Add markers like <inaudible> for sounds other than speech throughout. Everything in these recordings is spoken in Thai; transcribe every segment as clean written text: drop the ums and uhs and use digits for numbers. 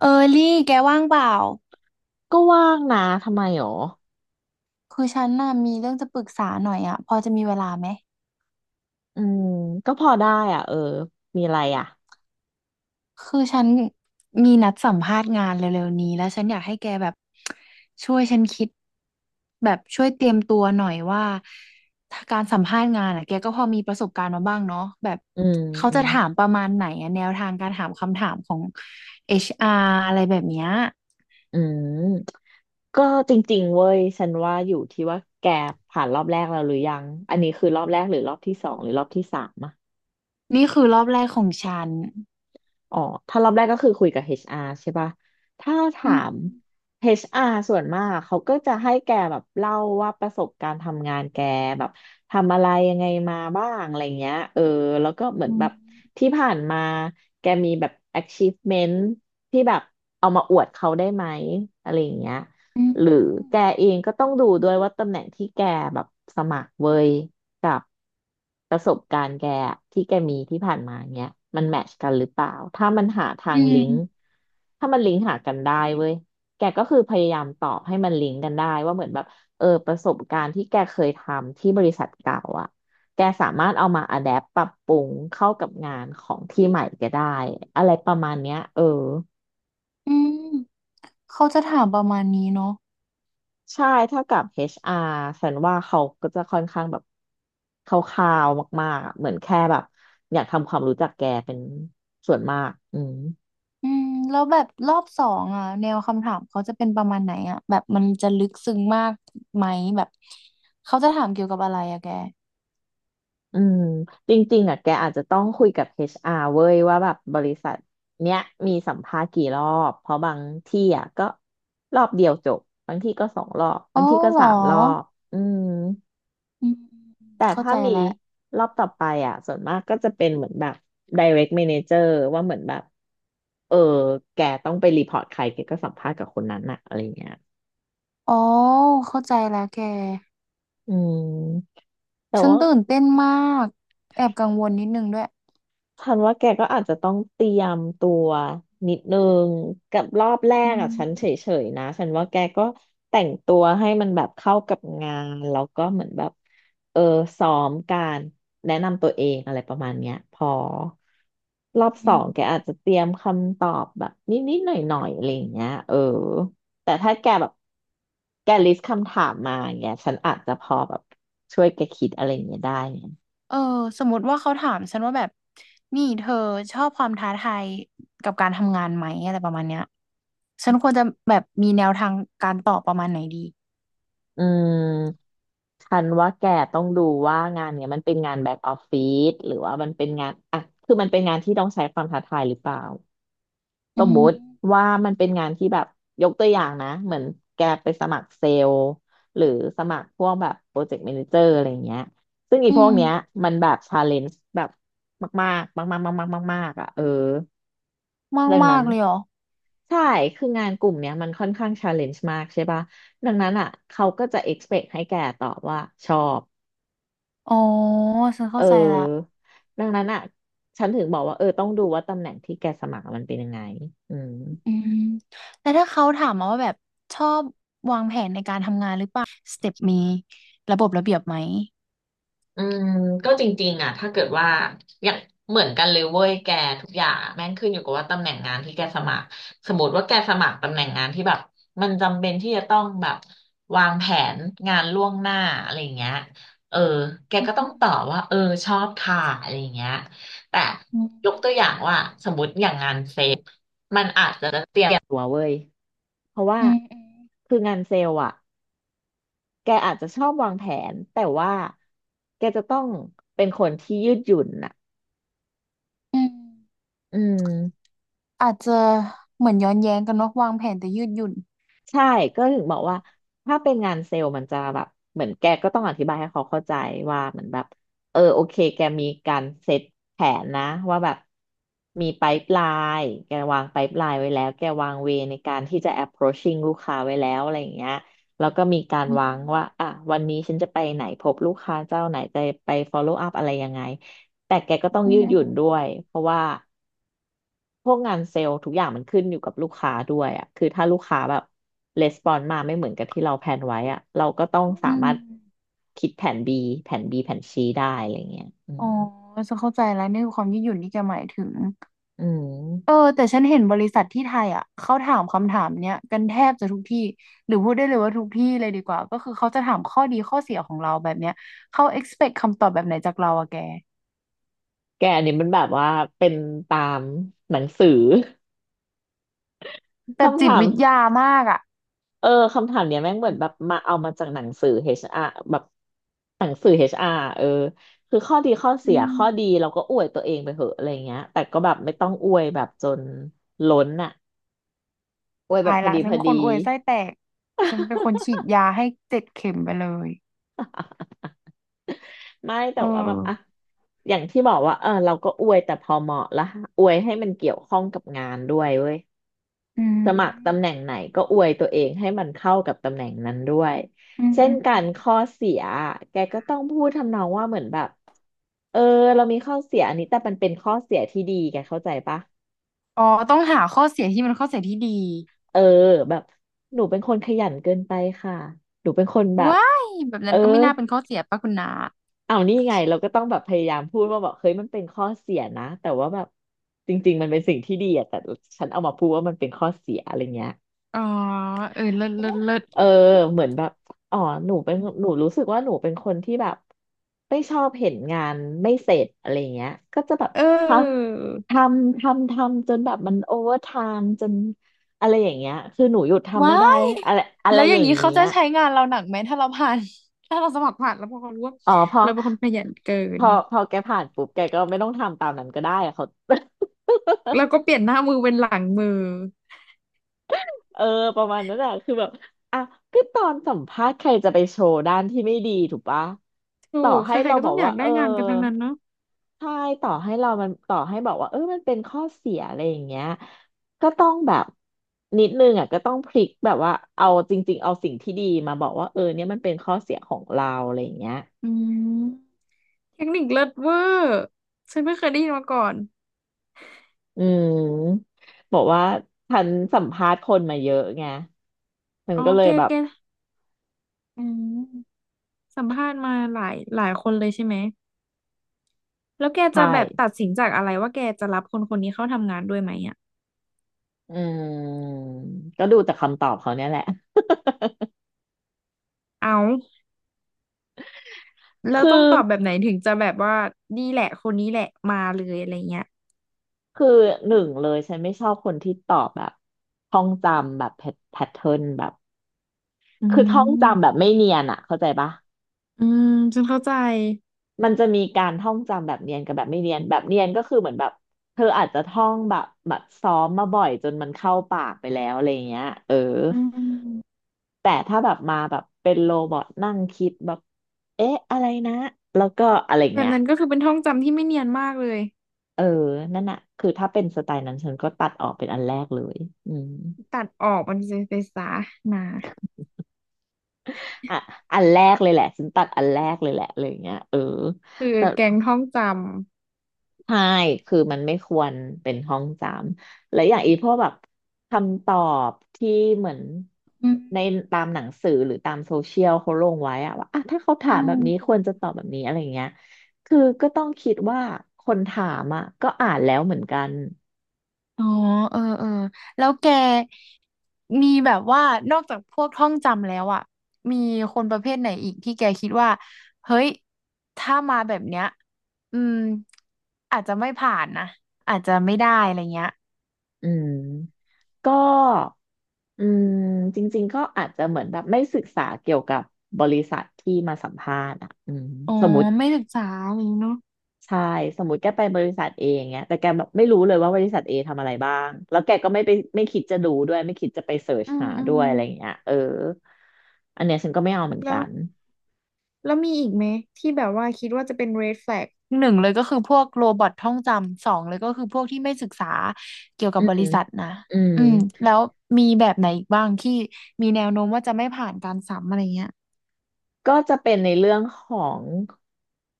เออลี่ แกว่างเปล่า ก็ว่างนะ ทำไมหรอคือฉันน่ะมีเรื่องจะปรึกษาหน่อยอ่ะพอจะมีเวลาไหม อืม ก็พอได้อ่ะ เออ มีอะไรอ่ะ คือฉันมีนัดสัมภาษณ์งานเร็วๆนี้แล้วฉันอยากให้แกแบบช่วยฉันคิดแบบช่วยเตรียมตัวหน่อยว่าถ้าการสัมภาษณ์งานอ่ะแกก็พอมีประสบการณ์มาบ้างเนาะแบบอืม เขาอืจะมถามประมาณไหนอะแนวทางการถามคำถามของ HR อชอาร์อะไรแบบเนี้ยอืมก็จริงๆเว้ย ฉันว่าอยู่ที่ว่าแกผ่านรอบแรกแล้วหรือยัง อันนี้คือรอบแรกหรือรอบที่สองหรือรอบที่สามอะ นี่คือรอบแรกของฉันอ๋อถ้ารอบแรกก็คือคุยกับ HR ใช่ป่ะ ถ้าอืถามม HR ส่วนมากเขาก็จะให้แกแบบเล่าว่าประสบการณ์ทำงานแกแบบทำอะไรยังไงมาบ้างอะไรเงี้ยเออแล้วก็เหมืออืนแบมบที่ผ่านมาแกมีแบบ achievement ที่แบบเอามาอวดเขาได้ไหมอะไรอย่างเงี้ยอืมหรือแกเองก็ต้องดูด้วยว่าตำแหน่งที่แกแบบสมัครเว้ย กับประสบการณ์แกอะที่แกมีที่ผ่านมาเนี้ยมันแมทช์กันหรือเปล่าถ้ามันหาทาอืงลิมงก์ถ้ามันลิงก์หากันได้เว้ยแกก็คือพยายามตอบให้มันลิงก์กันได้ว่าเหมือนแบบเออประสบการณ์ที่แกเคยทำที่บริษัทเก่าอ่ะแกสามารถเอามาอะแดปปรับปรุงเข้ากับงานของที่ใหม่แกได้อะไรประมาณเนี้ยเออ อืม เขาจะถามประมาณนี้เนาะใช่ถ้ากับ HR ฉันว่าเขาก็จะค่อนข้างแบบคร่าวๆมากๆอะเหมือนแค่แบบอยากทำความรู้จักแกเป็นส่วนมากอืมแล้วแบบรอบสองอ่ะแนวคำถามเขาจะเป็นประมาณไหนอ่ะแบบมันจะลึกซึ้งมากไหมแบบเขาจะถามเกี่ยวกับอะไรอะแกอืมจริงๆอ่ะแกอาจจะต้องคุยกับ HR เว้ยว่าแบบบริษัทเนี้ยมีสัมภาษณ์กี่รอบ เพราะบางที่อ่ะก็รอบเดียวจบ บางที่ก็สองรอบ อ๋บาองที่ก็เหรสาอมรอบอืม อืมแต่เข้าถ้าใจมีแล้วรอบต่อไปอ่ะส่วนมากก็จะเป็นเหมือนแบบ direct manager ว่าเหมือนแบบเออแกต้องไปรีพอร์ตใครแกก็สัมภาษณ์กับคนนั้นอ่ะอะไรเงี้ยอ๋อเข้าใจแล้วแกอืมแต่ฉันว่า ตื่นเต้นมากแอบกังวลนิดนึงด้วยฉันว่าแกก็อาจจะต้องเตรียมตัวนิดนึงกับรอบแรอืกอ่ะฉันเฉมยๆนะฉันว่าแกก็แต่งตัวให้มันแบบเข้ากับงานแล้วก็เหมือนแบบเออซ้อมการแนะนำตัวเองอะไรประมาณเนี้ยพอรอบสอือม งแกอาจจะเตรียมคำตอบแบบนิดๆหน่อยๆอะไรอย่างเงี้ยเออแต่ถ้าแกแบบแกลิสต์คำถามมาอย่างเงี้ยฉันอาจจะพอแบบช่วยแกคิดอะไรอย่างเงี้ยได้ไงเออสมมติว่าเขาถามฉันว่าแบบนี่เธอชอบความท้าทายกับการทำงานไหมอะไรประมาณเนี้ยฉันควรจะแบบมีแนวทางการตอบประมาณไหนดีอืม ฉันว่าแกต้องดูว่างานเนี้ยมันเป็นงานแบ็กออฟฟิศหรือว่ามันเป็นงานอ่ะคือมันเป็นงานที่ต้องใช้ความท้าทายหรือเปล่า สอืมมุติมว่ามันเป็นงานที่แบบยกตัวอย่างนะเหมือนแกไปสมัครเซลล์หรือสมัครพวกแบบโปรเจกต์แมเนเจอร์อะไรเงี้ยซึ่งอีอืพวกมเนี้ยมันแบบชาเลนจ์แบบมากๆมากๆมากๆมากๆมากๆอ่ะเออมากเรื่องมานั้นกเลยเหรอใช่คืองานกลุ่มเนี้ยมันค่อนข้างชาเลนจ์มากใช่ป่ะดังนั้นอ่ะเขาก็จะ expect ให้แกตอบว่าชอบอ๋อฉันเอเข้าใจละอดังนั้นอ่ะฉันถึงบอกว่าเออต้องดูว่าตำแหน่งที่แกสมัครมันเป็นยังไงอืม อืมแต่ถ้าเขาถามมาว่าแบบชอบสเต็ปมีระบบระเบียบไหมอืมก็จริงๆอ่ะถ้าเกิดว่าอย่างเหมือนกันเลยเว้ยแกทุกอย่างอะแม่งขึ้นอยู่กับว่าตำแหน่งงานที่แกสมัครสมมติว่าแกสมัครตำแหน่งงานที่แบบมันจำเป็นที่จะต้องแบบวางแผนงานล่วงหน้าอะไรอย่างเงี้ยเออแกอืก็ต้องตอบว่ามเออชอบค่ะอะไรอย่างเงี้ยแต่อืมยกตัวอย่างว่าสมมติอย่างงานเซลล์ตัวเว้ยเพราะว่าอืมอืมคืองานเซลล์อ่ะแกอาจจะชอบวางแผนแต่ว่าแกจะต้องเป็นคนที่ยืดหยุ่นน่ะ อืมอืมอาจจะเหมือนย้อนแย้งกันเนอะวางแผนแต่ยืดหยุ่น ใช่ก็ถึงบอกว่าถ้าเป็นงานเซลล์มันจะแบบเหมือนแกก็ต้องอธิบายให้เขาเข้าใจว่าเหมือนแบบเออโอเคแกมีการเซตแผนนะว่าแบบมีไ i ป e l ล n e แกวางไ i ป e l ล n e ไว้แล้วแกวางเวในการที่จะ approaching ลูกค้าไว้แล้วอะไรอย่างเงี้ยแล้วก็มีการอืมวางว่าอ่ะวันนี้ฉันจะไปไหนพบลูกค้าเจ้าไหนจะไป follow up อะไรยังไงแต่แกก็ต้องอืยืดหยุ่นด้วยมเพราะว่า พวกงานเซลล์ทุกอย่างมันขึ้นอยู่กับลูกค้าด้วยอ่ะคือถ้าลูกค้าแบบレスปอนมาไม่เหมือนกับที่เราแพลนไว้อ่ะเราก็ต้องอืมสาอืมามรถคิดแผน B แผน C ได้อะไรเงี้ยอือ๋อมจะเข้าใจแล้วนี่คือความยืดหยุ่นที่แกหมายถึงอืเออมแต่ฉันเห็นบริษัทที่ไทยอ่ะเขาถามคำถามเนี้ยกันแทบจะทุกที่หรือพูดได้เลยว่าทุกที่เลยดีกว่าก็คือเขาจะถามข้อดีข้อเสียของเราแบบเนี้ยเขา expect คำตอบแบบไหนจากเราอะแกแกอันนี้มันแบบว่าเป็นตามหนังสือ <laughs> แบบคำจิตถามวิทยามากอ่ะเออคำถามเนี้ยแม่งเหมือนแบบมาเอามาจากหนังสือเอชอาร์แบบหนังสือเอชอาร์เออคือข้อดีข้อเสีอืยข้มอดีเราก็อวยตัวเองไปเหอะอะไรเงี้ยแต่ก็แบบไม่ต้องอวยแบบจนล้นอ่ะ อวยแบตาบยพอละดีฉัพนอเป็นคนดี อวยไส้แตกฉันเป็นคนฉีดยาให้เจ็ดเข็มไปเลย <laughs> ไม่แต่เออว่าแบบอ่ะอย่างที่บอกว่าเออเราก็อวยแต่พอเหมาะละอวยให้มันเกี่ยวข้องกับงานด้วยเว้ยอืมสมัครตำแหน่งไหนก็อวยตัวเองให้มันเข้ากับตำแหน่งนั้นด้วยอืมเช่อืนมกัอืนม ข้อเสียแกก็ต้องพูดทำนองว่าเหมือนแบบเออเรามีข้อเสียอันนี้แต่มันเป็นข้อเสียที่ดีแกเข้าใจปะอ๋อต้องหาข้อเสียที่มันข้อเสียที่ดีเออแบบหนูเป็นคนขยันเกินไปค่ะหนูเป็นคนแบบว้ายแบบเอนั้อ นก็ไม่น่าเป็นข้อเสียป่ะคุณนาเอานี่ไงเราก็ต้องแบบพยายามพูดว่าแบบเฮ้ยมันเป็นข้อเสียนะแต่ว่าแบบจริงๆมันเป็นสิ่งที่ดีอะแต่ฉันเอามาพูดว่ามันเป็นข้อเสียอะไรเงี้ยอ๋อเออเลิศเลิศเลิศเออเหมือนแบบอ๋อหนูเป็นหนูรู้สึกว่าหนูเป็นคนที่แบบไม่ชอบเห็นงานไม่เสร็จอะไรเงี้ยก็จะแบบเทออำทำทำทำจนแบบมันโอเวอร์ไทม์จนอะไรอย่างเงี้ยคือหนูหยุดทำไม่ว้าได้ยอะไรอะไรแล้วออย่างย่างนี้เขาเงี้จะย ใช้งานเราหนักไหมถ้าเราผ่าน <laughs> ถ้าเราสมัครผ่านแล้วพอเขารู้ว่าอ๋อพอเราเป็นคนขยันเกิพนอพอแกผ่านปุ๊บแกก็ไม่ต้องทำตามนั้นก็ได้อะเขา แล้วก็ <laughs> เปลี่ยนหน้ามือเป็นหลังมือเออประมาณนั้นอะคือแบบอ่ะก็ตอนสัมภาษณ์ใครจะไปโชว์ด้านที่ไม่ดีถูกปะถูต่อกใคให้รเราๆก็บต้ออกงอยาว่ากเอได้องานกันทั้งนั้นเนาะใช่ต่อให้บอกว่าเออมันเป็นข้อเสียอะไรอย่างเงี้ยก็ต้องแบบนิดนึงอ่ะก็ต้องพลิกแบบว่าเอาจริงๆเอาสิ่งที่ดีมาบอกว่าเออเนี่ยมันเป็นข้อเสียของเราอะไรอย่างเงี้ย อืมเทคนิคเลิศเวอร์ฉันไม่เคยได้ยินมาก่อนอืมบอกว่าฉันสัมภาษณ์คนมาเยอะไงฉันอ๋อก็เลแกยแบบแกอืมสัมภาษณ์มาหลายหลายคนเลยใช่ไหม แล้วแกใช่จะแบบตัดสินจากอะไรว่าแกจะรับคนคนนี้เข้าทำงานด้วยไหมอ่ะอืมก็ดูจากคำตอบเขาเนี่ยแหละเอาแล้วคือต้องตอบแบบไหนถึงจะแบบว่านี่แหละคนนี้แหละมาเลยอะไรเงี้ยคือหนึ่งเลยฉันไม่ชอบคนที่ตอบแบบท่องจำแบบแพทเทิร์นแบบอืคือท่องจำแบมบไม่เนียนอะเข้าใจปะอืมฉันเข้าใจมันจะมีการท่องจำแบบเนียนกับแบบไม่เนียนแบบเนียนก็คือเหมือนแบบเธออาจจะท่องแบบซ้อมมาบ่อยจนมันเข้าปากไปแล้วอะไรเงี้ยเออ อืมแต่ถ้าแบบมาแบบเป็นโรบอทนั่งคิดแบบเอ๊ะอะไรนะแล้วก็อะไรแบบเงี้ยนั้นก็คือเป็นท่องจำที่ไม่เนียนมากเลยเออนั่นน่ะคือถ้าเป็นสไตล์นั้นฉันก็ตัดออกเป็นอันแรกเลยอืมตัดออกมันจะไปซะนะอ่ะอันแรกเลยแหละฉันตัดอันแรกเลยแหละอะไรอย่างเงี้ยเออคือแต่ แกงท่องจใช่คือมันไม่ควรเป็นห้องจำและอย่างอีพวกแบบคำตอบที่เหมือนำอืมในตามหนังสือหรือตามโซเชียลเขาลงไว้อะว่าอ่ะถ้าเขาถาอืมแบม บนี้ควรจะตอบแบบนี้อะไรเงี้ยคือก็ต้องคิดว่าคนถามอ่ะก็อ่านแล้วเหมือนกันอ๋อเออเออแล้วแกมีแบบว่านอกจากพวกท่องจำแล้วอ่ะมีคนประเภทไหนอีกที่แกคิดว่า เฮ้ย ถ้ามาแบบเนี้ยอืมอาจจะไม่ผ่านนะ อาจจะไม่ได้อะไรเงี้ยอืมก็อืมจริงๆก็อาจจะเหมือนแบบไม่ศึกษาเกี่ยวกับบริษัทที่มาสัมภาษณ์อ่ะอืมอ๋อสมมติ ไม่ศึกษาอะไรอย่างงี้เนาะใช่สมมติแกไปบริษัทเองเงี้ยแต่แกแบบไม่รู้เลยว่าบริษัทเอทำอะไรบ้างแล้วแกก็ไม่ไปไม่คิดจะดูด้วยไม่คิดจะไปเสิร์ชอืมหาอืด้วมยอะไรอย่างเงี้ยเอออันเนี้ยฉันก็ไม่เอาเหมือนแล้กัว นแล้วมีอีกไหมที่แบบว่าคิดว่าจะเป็น red flag หนึ่งเลยก็คือพวกโรบอทท่องจำ สองเลยก็คือพวกที่ไม่ศึกษาเกี่ยวกัอืบบมริษัทนะ อืม อืมแล้วมีแบบไหนอีกบ้างที่มีแนวโน้มว่าจะไม่ผ่านการสัมอะไรเงี้ยก็จะเป็นในเรื่องของ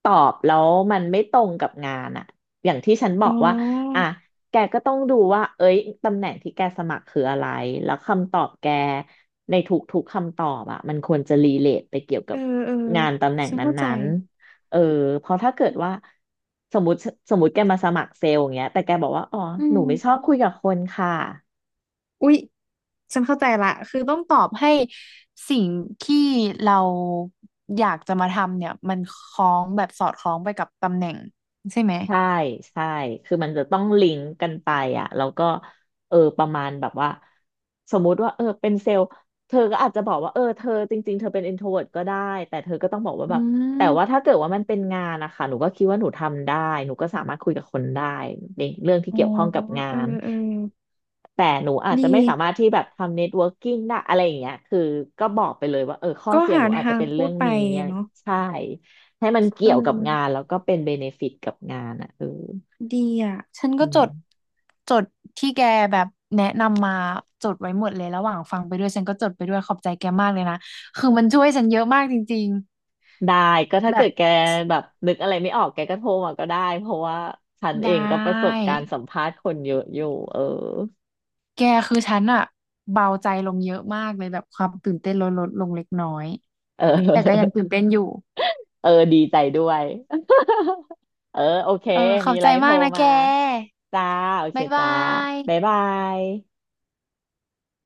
ตอบแล้วมันไม่ตรงกับงานอะอย่างที่ฉันบอ๋อกว่าอ่ะอ แกก็ต้องดูว่าเอ้ยตำแหน่งที่แกสมัครคืออะไรแล้วคำตอบแกในทุกๆคำตอบอะมันควรจะรีเลทไปเกี่ยวเอกับอ เอองานตำแหน่งฉันนเข้าใจ ั้นๆเออเพราะถ้าเกิดว่าสมมติสมมติแกมาสมัครเซลล์อย่างเงี้ยแต่แกบอกว่าอ๋ออืหนูมไม่ชอบคุยกับคนค่ะ อุ๊ยฉันเข้าใจละ คือต้องตอบให้สิ่งที่เราอยากจะมาทำเนี่ยมันคล้องแบบสอดคล้องไปกับตำแหน่งใช่ไหมใช่ใช่คือมันจะต้องลิงก์กันไปอ่ะแล้วก็เออประมาณแบบว่าสมมุติว่าเออเป็นเซลล์เธอก็อาจจะบอกว่าเออเธอจริงๆเธอเป็น introvert ก็ได้แต่เธอก็ต้องบอกว่าอืแบบแต่ว่าม ถ้าเกิดว่ามันเป็นงานนะคะหนูก็คิดว่าหนูทำได้หนูก็สามารถคุยกับคนได้ในเรื่องที่อ๋อ เกี่ยวข้องกับงาเออนเออแต่หนูอาจดี จะไม่สามารถที่แบบทำเน็ตเวิร์กิ่งได้อะไรอย่างเงี้ยคือก็บอกไปเลยว่าเออข้อก็เสียหหานูอาจจะทางเป็นพูเรื่อดงไปนี้อะไรเนาะใช่ ให้มันเอเกี่ยวกับงานอแล้วก็เป็นเบเนฟิตกับงานอ่ะเออดีอ่ะฉันก็อืจมดจดที่แกแบบแนะนำมาจดไว้หมดเลยระหว่างฟังไปด้วย ฉันก็จดไปด้วยขอบใจแกมากเลยนะคือมันช่วยฉันเยอะมากจริงได้ก็ๆ ถ้าแบเกิบดแกแบบนึกอะไรไม่ออกแกก็โทรมาก็ได้เพราะว่าฉันเอไดงก็ประส้ บการณ์สัมภาษณ์คนเยอะอยู่เออแกคือฉันอะเบาใจลงเยอะมากเลยแบบความตื่นเต้นลดลดลงเล็กน้อย เอแต่ก็ยังอตื่นเต้นอยู่เออดีใจด้วย <laughs> เออโอเคเออขอมีบอะใจไรโทรมากนะแกมาจ้าโอเคบ๊ายบาจ้าบ๊ายยบาย